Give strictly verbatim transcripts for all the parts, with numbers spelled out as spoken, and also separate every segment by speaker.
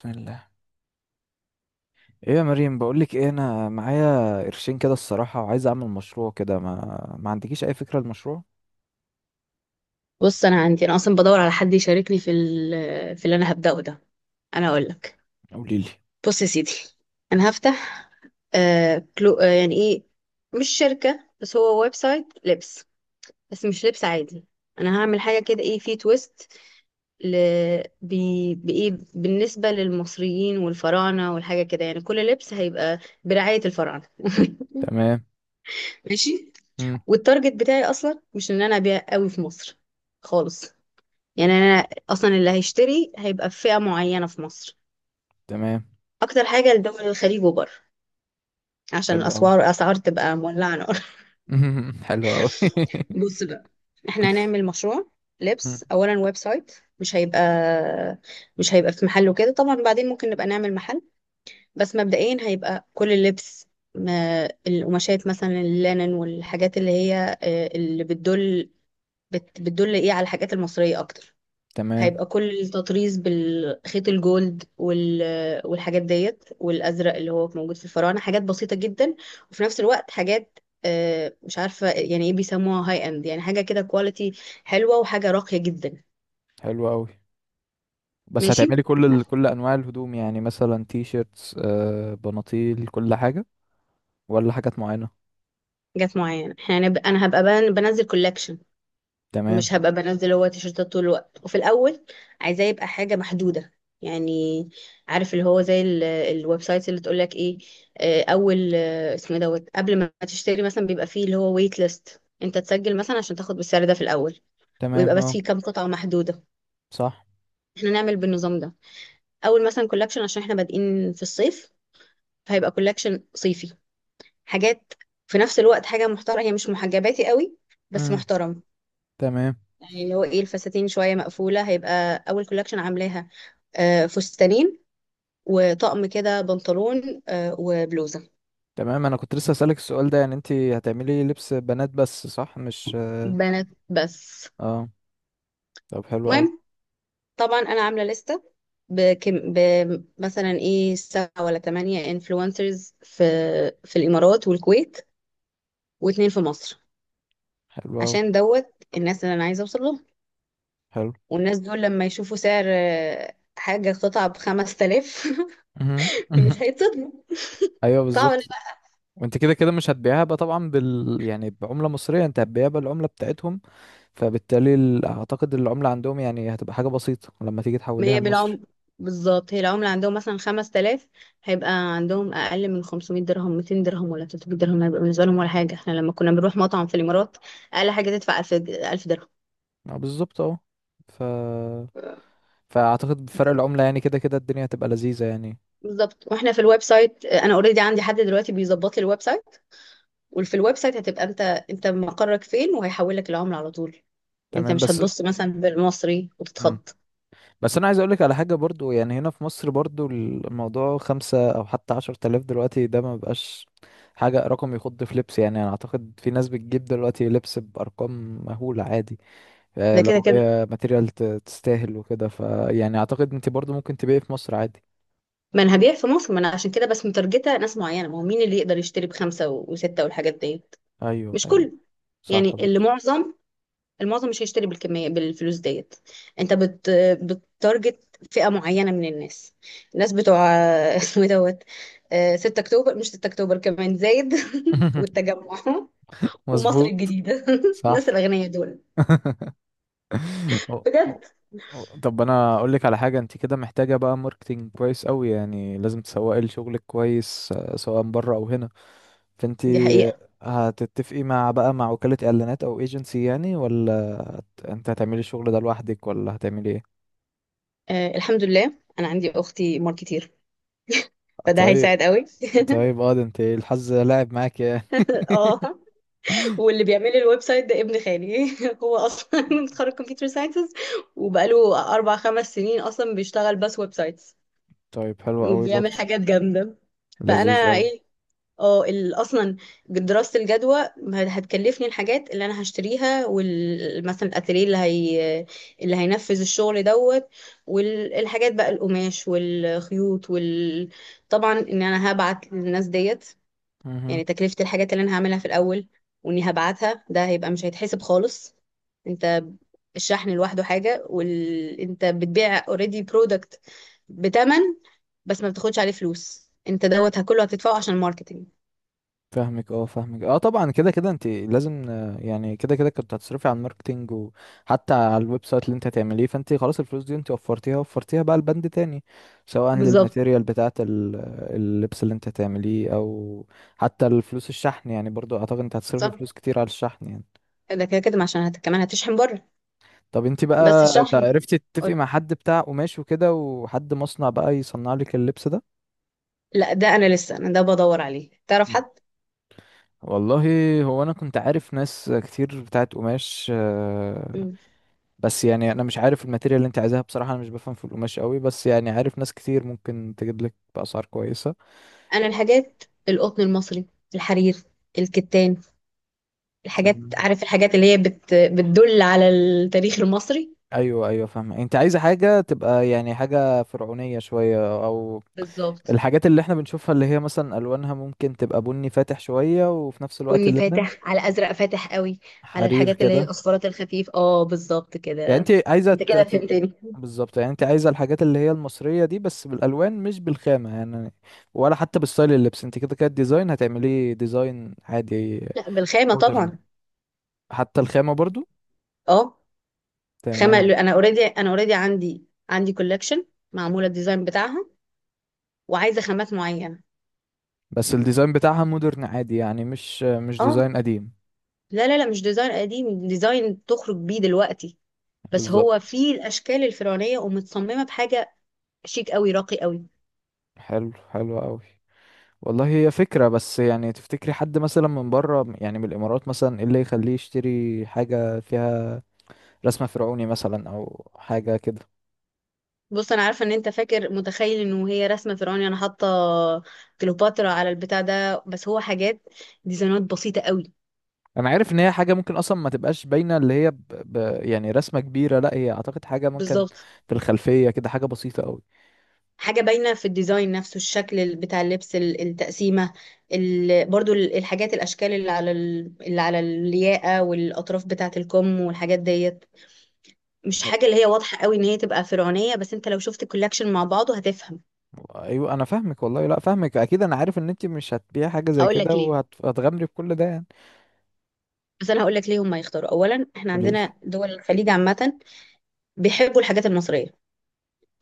Speaker 1: بسم الله. ايه يا مريم، بقولك ايه، انا معايا قرشين كده الصراحة وعايز اعمل مشروع كده. ما ما عندكيش اي فكرة المشروع؟
Speaker 2: بص، انا عندي انا اصلا بدور على حد يشاركني في ال- في اللي انا هبداه ده. انا اقول لك.
Speaker 1: قوليلي.
Speaker 2: بص يا سيدي، انا هفتح آه كلو آه يعني ايه، مش شركه بس هو ويب سايت لبس، بس مش لبس عادي. انا هعمل حاجه كده، ايه، في تويست، ل... بي... بايه بالنسبه للمصريين والفراعنه والحاجه كده. يعني كل لبس هيبقى برعايه الفراعنه
Speaker 1: تمام.
Speaker 2: ماشي.
Speaker 1: مم.
Speaker 2: والتارجت بتاعي اصلا مش ان انا ابيع قوي في مصر خالص. يعني انا اصلا اللي هيشتري هيبقى في فئة معينة في مصر.
Speaker 1: تمام.
Speaker 2: اكتر حاجة لدول الخليج وبره عشان
Speaker 1: حلو قوي.
Speaker 2: الاسعار اسعار تبقى مولعة نار
Speaker 1: حلو قوي.
Speaker 2: بص بقى، احنا هنعمل مشروع
Speaker 1: مم.
Speaker 2: لبس، اولا ويب سايت. مش هيبقى مش هيبقى في محل وكده، طبعا بعدين ممكن نبقى نعمل محل. بس مبدئيا هيبقى كل اللبس، ما القماشات مثلا اللينن والحاجات اللي هي آه، اللي بتدل، بت- بتدل ايه، على الحاجات المصرية اكتر.
Speaker 1: تمام.
Speaker 2: هيبقى كل التطريز بالخيط الجولد وال... والحاجات ديت والازرق اللي هو موجود في الفراعنه، حاجات بسيطه جدا. وفي نفس الوقت حاجات آه، مش عارفه يعني ايه بيسموها، هاي اند، يعني حاجه كده كواليتي حلوه وحاجه راقيه جدا.
Speaker 1: حلو قوي. بس
Speaker 2: ماشي.
Speaker 1: هتعملي كل ال... كل انواع الهدوم، يعني مثلا تي شيرتس، آه بناطيل، كل حاجة، ولا حاجات معينة؟
Speaker 2: جت معايا، احنا هنبقى- انا هبقى بن- بنزل كولكشن،
Speaker 1: تمام.
Speaker 2: مش هبقى بنزل هو تيشيرتات طول الوقت. وفي الاول عايزاه يبقى حاجه محدوده. يعني عارف، اللي هو زي ال- الويب سايت اللي تقول لك ايه، آه، اول، آه، اسمه إيه دوت، قبل ما تشتري مثلا بيبقى فيه اللي هو ويت ليست، انت تسجل مثلا عشان تاخد بالسعر ده في الاول. ويبقى
Speaker 1: تمام،
Speaker 2: بس
Speaker 1: اه،
Speaker 2: فيه كام قطعه محدوده.
Speaker 1: صح.
Speaker 2: احنا نعمل بالنظام ده. اول مثلا كولكشن، عشان احنا بادئين في الصيف، فهيبقى كولكشن صيفي، حاجات في نفس الوقت حاجه محترمه، هي مش محجباتي قوي بس
Speaker 1: مم.
Speaker 2: محترم.
Speaker 1: تمام.
Speaker 2: يعني اللي هو ايه، الفساتين شوية مقفولة، هيبقى أول كولكشن عاملاها آه، فستانين وطقم كده بنطلون آه، وبلوزة.
Speaker 1: تمام، انا كنت لسه اسالك السؤال ده. يعني انت هتعملي لبس بنات بس، صح؟ مش اه؟
Speaker 2: بنات بس.
Speaker 1: آه. طب حلو قوي.
Speaker 2: المهم، طبعا أنا عاملة لستة بكم، ب- مثلا ايه، سبعة ولا تمانية انفلونسرز في في الإمارات والكويت، واتنين في مصر،
Speaker 1: حلو أوي.
Speaker 2: عشان دوت الناس اللي أنا عايزة أوصل لهم.
Speaker 1: حلو.
Speaker 2: والناس دول لما يشوفوا سعر، آه، حاجة قطعة بخمس تلاف
Speaker 1: مهم. مهم.
Speaker 2: مش هيتصدموا.
Speaker 1: أيوه،
Speaker 2: صعب.
Speaker 1: بالظبط. وأنت كده كده مش هتبيعها بقى طبعا، بال يعني بعملة مصرية. أنت هتبيعها بالعملة بتاعتهم. فبالتالي ال... أعتقد العملة عندهم يعني هتبقى حاجة بسيطة لما تيجي
Speaker 2: ما
Speaker 1: تحوليها
Speaker 2: هي
Speaker 1: لمصري.
Speaker 2: بالعمر، بالظبط هي العملة عندهم مثلا خمس آلاف، هيبقى عندهم أقل من خمسمائة درهم، ميتين درهم ولا ثلاثمائة درهم، هيبقى بالنسبة لهم ولا حاجة. احنا لما كنا بنروح مطعم في الإمارات أقل حاجة تدفع ألف، د- ألف درهم
Speaker 1: أه، بالظبط، أه. ف... فأعتقد بفرق
Speaker 2: بالظبط.
Speaker 1: العملة يعني كده كده الدنيا هتبقى لذيذة يعني.
Speaker 2: بالظبط، واحنا في الويب سايت انا اوريدي عندي حد دلوقتي بيظبط لي الويب سايت. وفي الويب سايت هتبقى انت انت مقرك فين، وهيحول لك العملة على طول. انت
Speaker 1: تمام،
Speaker 2: مش
Speaker 1: بس.
Speaker 2: هتبص مثلا بالمصري
Speaker 1: مم.
Speaker 2: وتتخض.
Speaker 1: بس انا عايز اقولك على حاجه برضو، يعني هنا في مصر برضو الموضوع خمسة او حتى عشر تلاف دلوقتي ده ما بقاش حاجه رقم يخض في لبس. يعني انا اعتقد في ناس بتجيب دلوقتي لبس بارقام مهوله عادي. آه،
Speaker 2: ده كده
Speaker 1: لو
Speaker 2: كده،
Speaker 1: هي ماتيريال ت- تستاهل وكده، فيعني اعتقد انت برضو ممكن تبيعي في مصر عادي.
Speaker 2: ما انا هبيع في مصر، ما انا عشان كده بس مترجته ناس معينه، ما هو مين اللي يقدر يشتري بخمسه و- وسته والحاجات ديت؟
Speaker 1: ايوه،
Speaker 2: مش
Speaker 1: ايوه.
Speaker 2: كله.
Speaker 1: صح
Speaker 2: يعني اللي
Speaker 1: برضه.
Speaker 2: معظم المعظم مش هيشتري بالكميه بالفلوس ديت. انت بت بتارجت فئه معينه من الناس، الناس بتوع اسمه إيه دوت، آه، 6 اكتوبر، مش 6 اكتوبر كمان زايد والتجمع ومصر
Speaker 1: مظبوط.
Speaker 2: الجديده الناس
Speaker 1: صح.
Speaker 2: الاغنياء دول،
Speaker 1: أو- أو-
Speaker 2: بجد.
Speaker 1: أو- طب انا اقول لك على حاجه. انت كده محتاجه بقى ماركتينج كويس قوي، يعني لازم تسوقي لشغلك كويس، آه، سواء بره او هنا. فانت
Speaker 2: دي حقيقه.
Speaker 1: هتتفقي مع بقى مع وكاله اعلانات او ايجنسي يعني، ولا هت- انت هتعملي الشغل ده لوحدك ولا هتعملي ايه؟
Speaker 2: آه، الحمد لله انا عندي اختي ماركتير، فده
Speaker 1: طيب.
Speaker 2: هيساعد قوي
Speaker 1: طيب، اه، ده انت الحظ لاعب معاك يعني.
Speaker 2: اه، واللي بيعمل لي الويب سايت ده ابن خالي هو اصلا متخرج كمبيوتر ساينسز وبقاله اربع خمس سنين اصلا بيشتغل بس ويب سايت،
Speaker 1: طيب، حلو قوي
Speaker 2: وبيعمل
Speaker 1: برضه.
Speaker 2: حاجات جامدة. فأنا
Speaker 1: لذيذ قوي.
Speaker 2: إيه، اه، ال- أصلا دراسة الجدوى هت- هتكلفني الحاجات اللي أنا هشتريها، ومثلا الأتيليه اللي هي اللي هينفذ الشغل دوت، والحاجات بقى القماش والخيوط وال طبعا إن أنا هبعت للناس ديت، يعني تكلفة الحاجات اللي أنا هعملها في الأول وإني هبعتها، ده هيبقى مش هيتحسب خالص. أنت، الشحن لوحده حاجة وال... أنت بتبيع اوريدي برودكت بتمن، بس ما بتاخدش عليه فلوس. أنت دوت كله هتدفعه عشان الماركتينج.
Speaker 1: فاهمك، اه، فاهمك، اه، طبعا كده كده انت لازم، آه، يعني كده كده كنت هتصرفي على الماركتينج، وحتى على الويب سايت اللي انت هتعمليه. فانت خلاص الفلوس دي انت وفرتيها، وفرتيها بقى لبند تاني، سواء
Speaker 2: بالظبط.
Speaker 1: للماتيريال بتاعة ال- اللبس اللي انت هتعمليه، او حتى الفلوس الشحن. يعني برضو اعتقد انت هتصرفي
Speaker 2: صح،
Speaker 1: فلوس كتير على الشحن يعني.
Speaker 2: ده كده كده، ما عشان هت... كمان هتشحن بره.
Speaker 1: طب انت
Speaker 2: بس
Speaker 1: بقى، ت-
Speaker 2: الشحن،
Speaker 1: عرفتي تتفقي
Speaker 2: قول-
Speaker 1: مع حد بتاع قماش وكده، وحد مصنع بقى يصنع لك اللبس ده؟
Speaker 2: لا، ده أنا لسه، أنا ده بدور عليه، تعرف
Speaker 1: مم.
Speaker 2: حد؟
Speaker 1: والله، هو انا كنت عارف ناس كتير بتاعت قماش، آه،
Speaker 2: مم.
Speaker 1: بس يعني انا مش عارف الماتيريال اللي انت عايزاها بصراحه. انا مش بفهم في القماش قوي، بس يعني عارف ناس كتير ممكن تجيب لك باسعار كويسه.
Speaker 2: أنا الحاجات، القطن المصري، الحرير، الكتان، الحاجات،
Speaker 1: تمام.
Speaker 2: عارف الحاجات اللي هي بت بتدل على التاريخ المصري.
Speaker 1: ايوه، ايوه، فاهم. انت عايزه حاجه تبقى يعني حاجه فرعونيه شويه، او
Speaker 2: بالظبط،
Speaker 1: الحاجات اللي احنا بنشوفها اللي هي مثلا الوانها ممكن تبقى بني فاتح شويه، وفي نفس الوقت
Speaker 2: بني
Speaker 1: اللبن،
Speaker 2: فاتح على ازرق فاتح قوي، على
Speaker 1: حرير
Speaker 2: الحاجات اللي هي
Speaker 1: كده.
Speaker 2: اصفرات الخفيف، اه بالظبط
Speaker 1: يعني
Speaker 2: كده.
Speaker 1: انت عايزه
Speaker 2: انت
Speaker 1: ت...
Speaker 2: كده
Speaker 1: ت-
Speaker 2: فهمتني
Speaker 1: بالظبط، يعني انت عايزه الحاجات اللي هي المصريه دي بس بالالوان، مش بالخامه يعني، ولا حتى بالستايل اللبس؟ انت كده كده الديزاين هتعمليه ديزاين عادي،
Speaker 2: لا، بالخامه طبعا.
Speaker 1: مودرن. حتى الخامة برضو؟
Speaker 2: اه خامه،
Speaker 1: تمام.
Speaker 2: انا اوريدي انا اوريدي عندي عندي كولكشن معموله الديزاين بتاعها، وعايزه خامات معينه.
Speaker 1: بس الديزاين بتاعها مودرن عادي يعني، مش مش
Speaker 2: اه،
Speaker 1: ديزاين قديم.
Speaker 2: لا لا لا، مش ديزاين قديم، ديزاين تخرج بيه دلوقتي، بس
Speaker 1: بالظبط.
Speaker 2: هو فيه الاشكال الفرعونيه ومتصممه بحاجه شيك قوي راقي قوي.
Speaker 1: حلو، حلو قوي. والله هي فكرة. بس يعني تفتكري حد مثلا من بره، يعني من الإمارات مثلا، ايه اللي يخليه يشتري حاجة فيها رسمة فرعوني مثلا، أو حاجة كده؟
Speaker 2: بص، انا عارفه ان انت فاكر متخيل انه هي رسمه فرعوني، انا حاطه كليوباترا على البتاع ده. بس هو حاجات، ديزاينات بسيطه قوي.
Speaker 1: أنا عارف إن هي حاجة ممكن أصلا ما تبقاش باينة، اللي هي ب... ب... يعني رسمة كبيرة، لا، هي أعتقد حاجة ممكن
Speaker 2: بالظبط،
Speaker 1: في الخلفية كده، حاجة بسيطة قوي.
Speaker 2: حاجه باينه في الديزاين نفسه، الشكل ال- بتاع اللبس، ال- التقسيمه، ال... برضو ال- الحاجات، الاشكال اللي على ال... اللي على الياقه والاطراف بتاعه الكم والحاجات ديت. مش حاجه اللي هي واضحه قوي ان هي تبقى فرعونيه، بس انت لو شفت الكولكشن مع بعضه هتفهم.
Speaker 1: ايوه انا فاهمك، والله لا فاهمك، اكيد انا عارف ان انت مش هتبيع حاجه زي
Speaker 2: هقول لك
Speaker 1: كده
Speaker 2: ليه.
Speaker 1: وهتغامري بكل ده يعني.
Speaker 2: بس انا هقول لك ليه هم يختاروا، اولا احنا
Speaker 1: قولي لي.
Speaker 2: عندنا دول الخليج عامه بيحبوا الحاجات المصريه.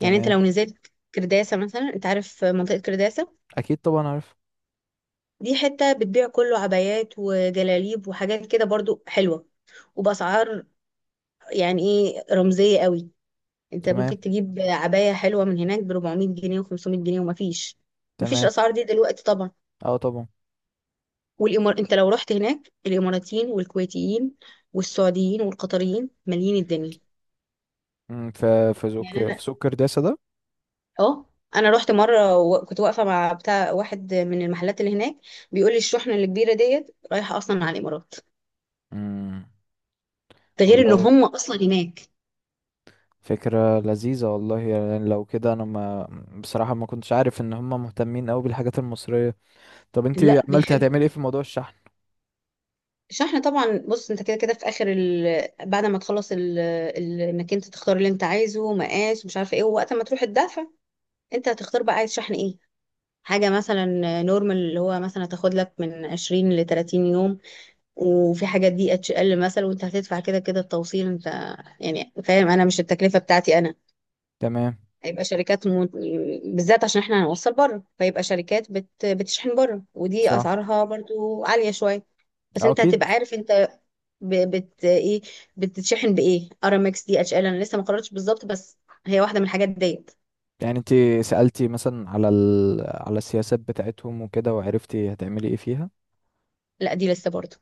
Speaker 2: يعني انت لو نزلت كرداسة مثلا، انت عارف منطقة كرداسة،
Speaker 1: اكيد، طبعا، عارف.
Speaker 2: دي حتة بتبيع كله عبايات وجلاليب وحاجات كده برضو حلوة، وبأسعار يعني ايه، رمزية قوي. انت
Speaker 1: تمام.
Speaker 2: ممكن تجيب عباية حلوة من هناك ب اربعمائة جنيه و500 جنيه، ومفيش مفيش
Speaker 1: تمام،
Speaker 2: الأسعار دي دلوقتي طبعا.
Speaker 1: اه، طبعا.
Speaker 2: والإمار، انت لو رحت هناك الإماراتيين والكويتيين والسعوديين والقطريين مالين الدنيا.
Speaker 1: امم في في سوق في
Speaker 2: يعني
Speaker 1: سوق كرداسه ده؟
Speaker 2: اه، انا رحت مره وكنت واقفه مع بتاع واحد من المحلات اللي هناك، بيقول لي الشحنه الكبيره ديت رايحه اصلا على الامارات،
Speaker 1: امم
Speaker 2: ده غير ان
Speaker 1: والله،
Speaker 2: هم اصلا هناك.
Speaker 1: فكره لذيذه، والله يعني. لو كده انا ما بصراحه، ما كنتش عارف ان هم مهتمين قوي بالحاجات المصريه. طب انت
Speaker 2: لا،
Speaker 1: عملتي،
Speaker 2: بيحبوا.
Speaker 1: هتعملي ايه في موضوع الشحن؟
Speaker 2: الشحنه طبعا، بص انت كده كده في اخر ال... بعد ما تخلص ال... ال... انك انت تختار اللي انت عايزه، مقاس ومش عارفه ايه. ووقت ما تروح تدافع انت هتختار بقى عايز شحن ايه. حاجه مثلا نورمال، اللي هو مثلا هتاخد لك من عشرين ل تلاتين يوم. وفي حاجات دي اتش ال مثلا، وانت هتدفع كده كده التوصيل. انت يعني فاهم، انا مش التكلفه بتاعتي انا.
Speaker 1: تمام.
Speaker 2: هيبقى شركات، م... بالذات عشان احنا هنوصل بره، فيبقى شركات بت... بتشحن بره، ودي
Speaker 1: صح.
Speaker 2: اسعارها برضو عالية شوية. بس
Speaker 1: اه،
Speaker 2: انت هتبقى
Speaker 1: اكيد.
Speaker 2: عارف انت ب... بت ايه، بتتشحن بايه، ارامكس دي اتش ال. انا لسه ما قررتش بالظبط، بس هي واحدة من الحاجات ديت.
Speaker 1: يعني انت سألتي مثلا على ال... على السياسات بتاعتهم وكده، وعرفتي هتعملي ايه فيها؟
Speaker 2: لا، دي لسه برضو.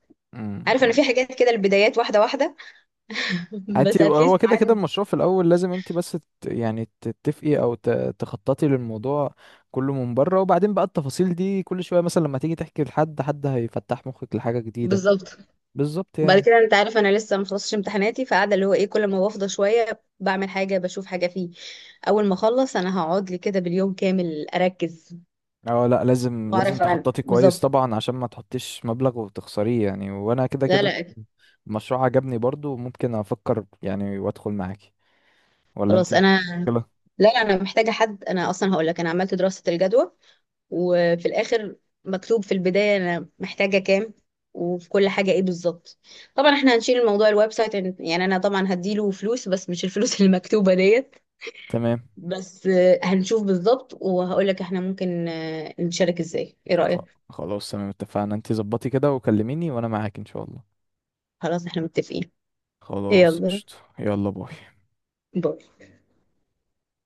Speaker 2: عارف، انا
Speaker 1: امم
Speaker 2: في حاجات كده البدايات واحدة واحدة
Speaker 1: انت،
Speaker 2: بس
Speaker 1: هو
Speaker 2: اتليست
Speaker 1: كده كده
Speaker 2: عارف.
Speaker 1: المشروع في الاول لازم انت بس، ت- يعني تتفقي، او ت- تخططي للموضوع كله من بره، وبعدين بقى التفاصيل دي كل شويه مثلا لما تيجي تحكي لحد، حد هيفتح مخك لحاجه جديده.
Speaker 2: بالظبط.
Speaker 1: بالظبط
Speaker 2: وبعد
Speaker 1: يعني.
Speaker 2: كده انت عارف انا لسه ما خلصتش امتحاناتي، فقاعده اللي هو ايه، كل ما بفضى شويه بعمل حاجه بشوف حاجه فيه. اول ما اخلص انا هقعد لي كده باليوم كامل اركز
Speaker 1: اه، لا، لازم لازم
Speaker 2: واعرف عن
Speaker 1: تخططي كويس
Speaker 2: بالظبط.
Speaker 1: طبعا عشان ما تحطيش مبلغ وتخسريه يعني. وانا كده
Speaker 2: لا
Speaker 1: كده
Speaker 2: لا، أكيد.
Speaker 1: المشروع عجبني، برضو ممكن افكر يعني وادخل معاكي، ولا انت
Speaker 2: خلاص انا،
Speaker 1: كده؟
Speaker 2: لا لا انا محتاجه حد. انا اصلا هقول لك، انا عملت دراسه الجدوى وفي الاخر مكتوب في البدايه انا محتاجه كام وفي كل حاجه ايه بالظبط. طبعا احنا هنشيل الموضوع الويب سايت، يعني انا طبعا هديله فلوس بس مش الفلوس المكتوبه ديت.
Speaker 1: تمام
Speaker 2: بس آه، هنشوف بالظبط وهقول لك احنا ممكن آه، نشارك ازاي، ايه
Speaker 1: خ-
Speaker 2: رايك؟
Speaker 1: خلاص، تمام، اتفقنا. انت ظبطي كده وكلميني وانا معاك ان شاء الله.
Speaker 2: خلاص، احنا متفقين.
Speaker 1: خلاص
Speaker 2: يلا
Speaker 1: قشطة، يلا باي.
Speaker 2: باي.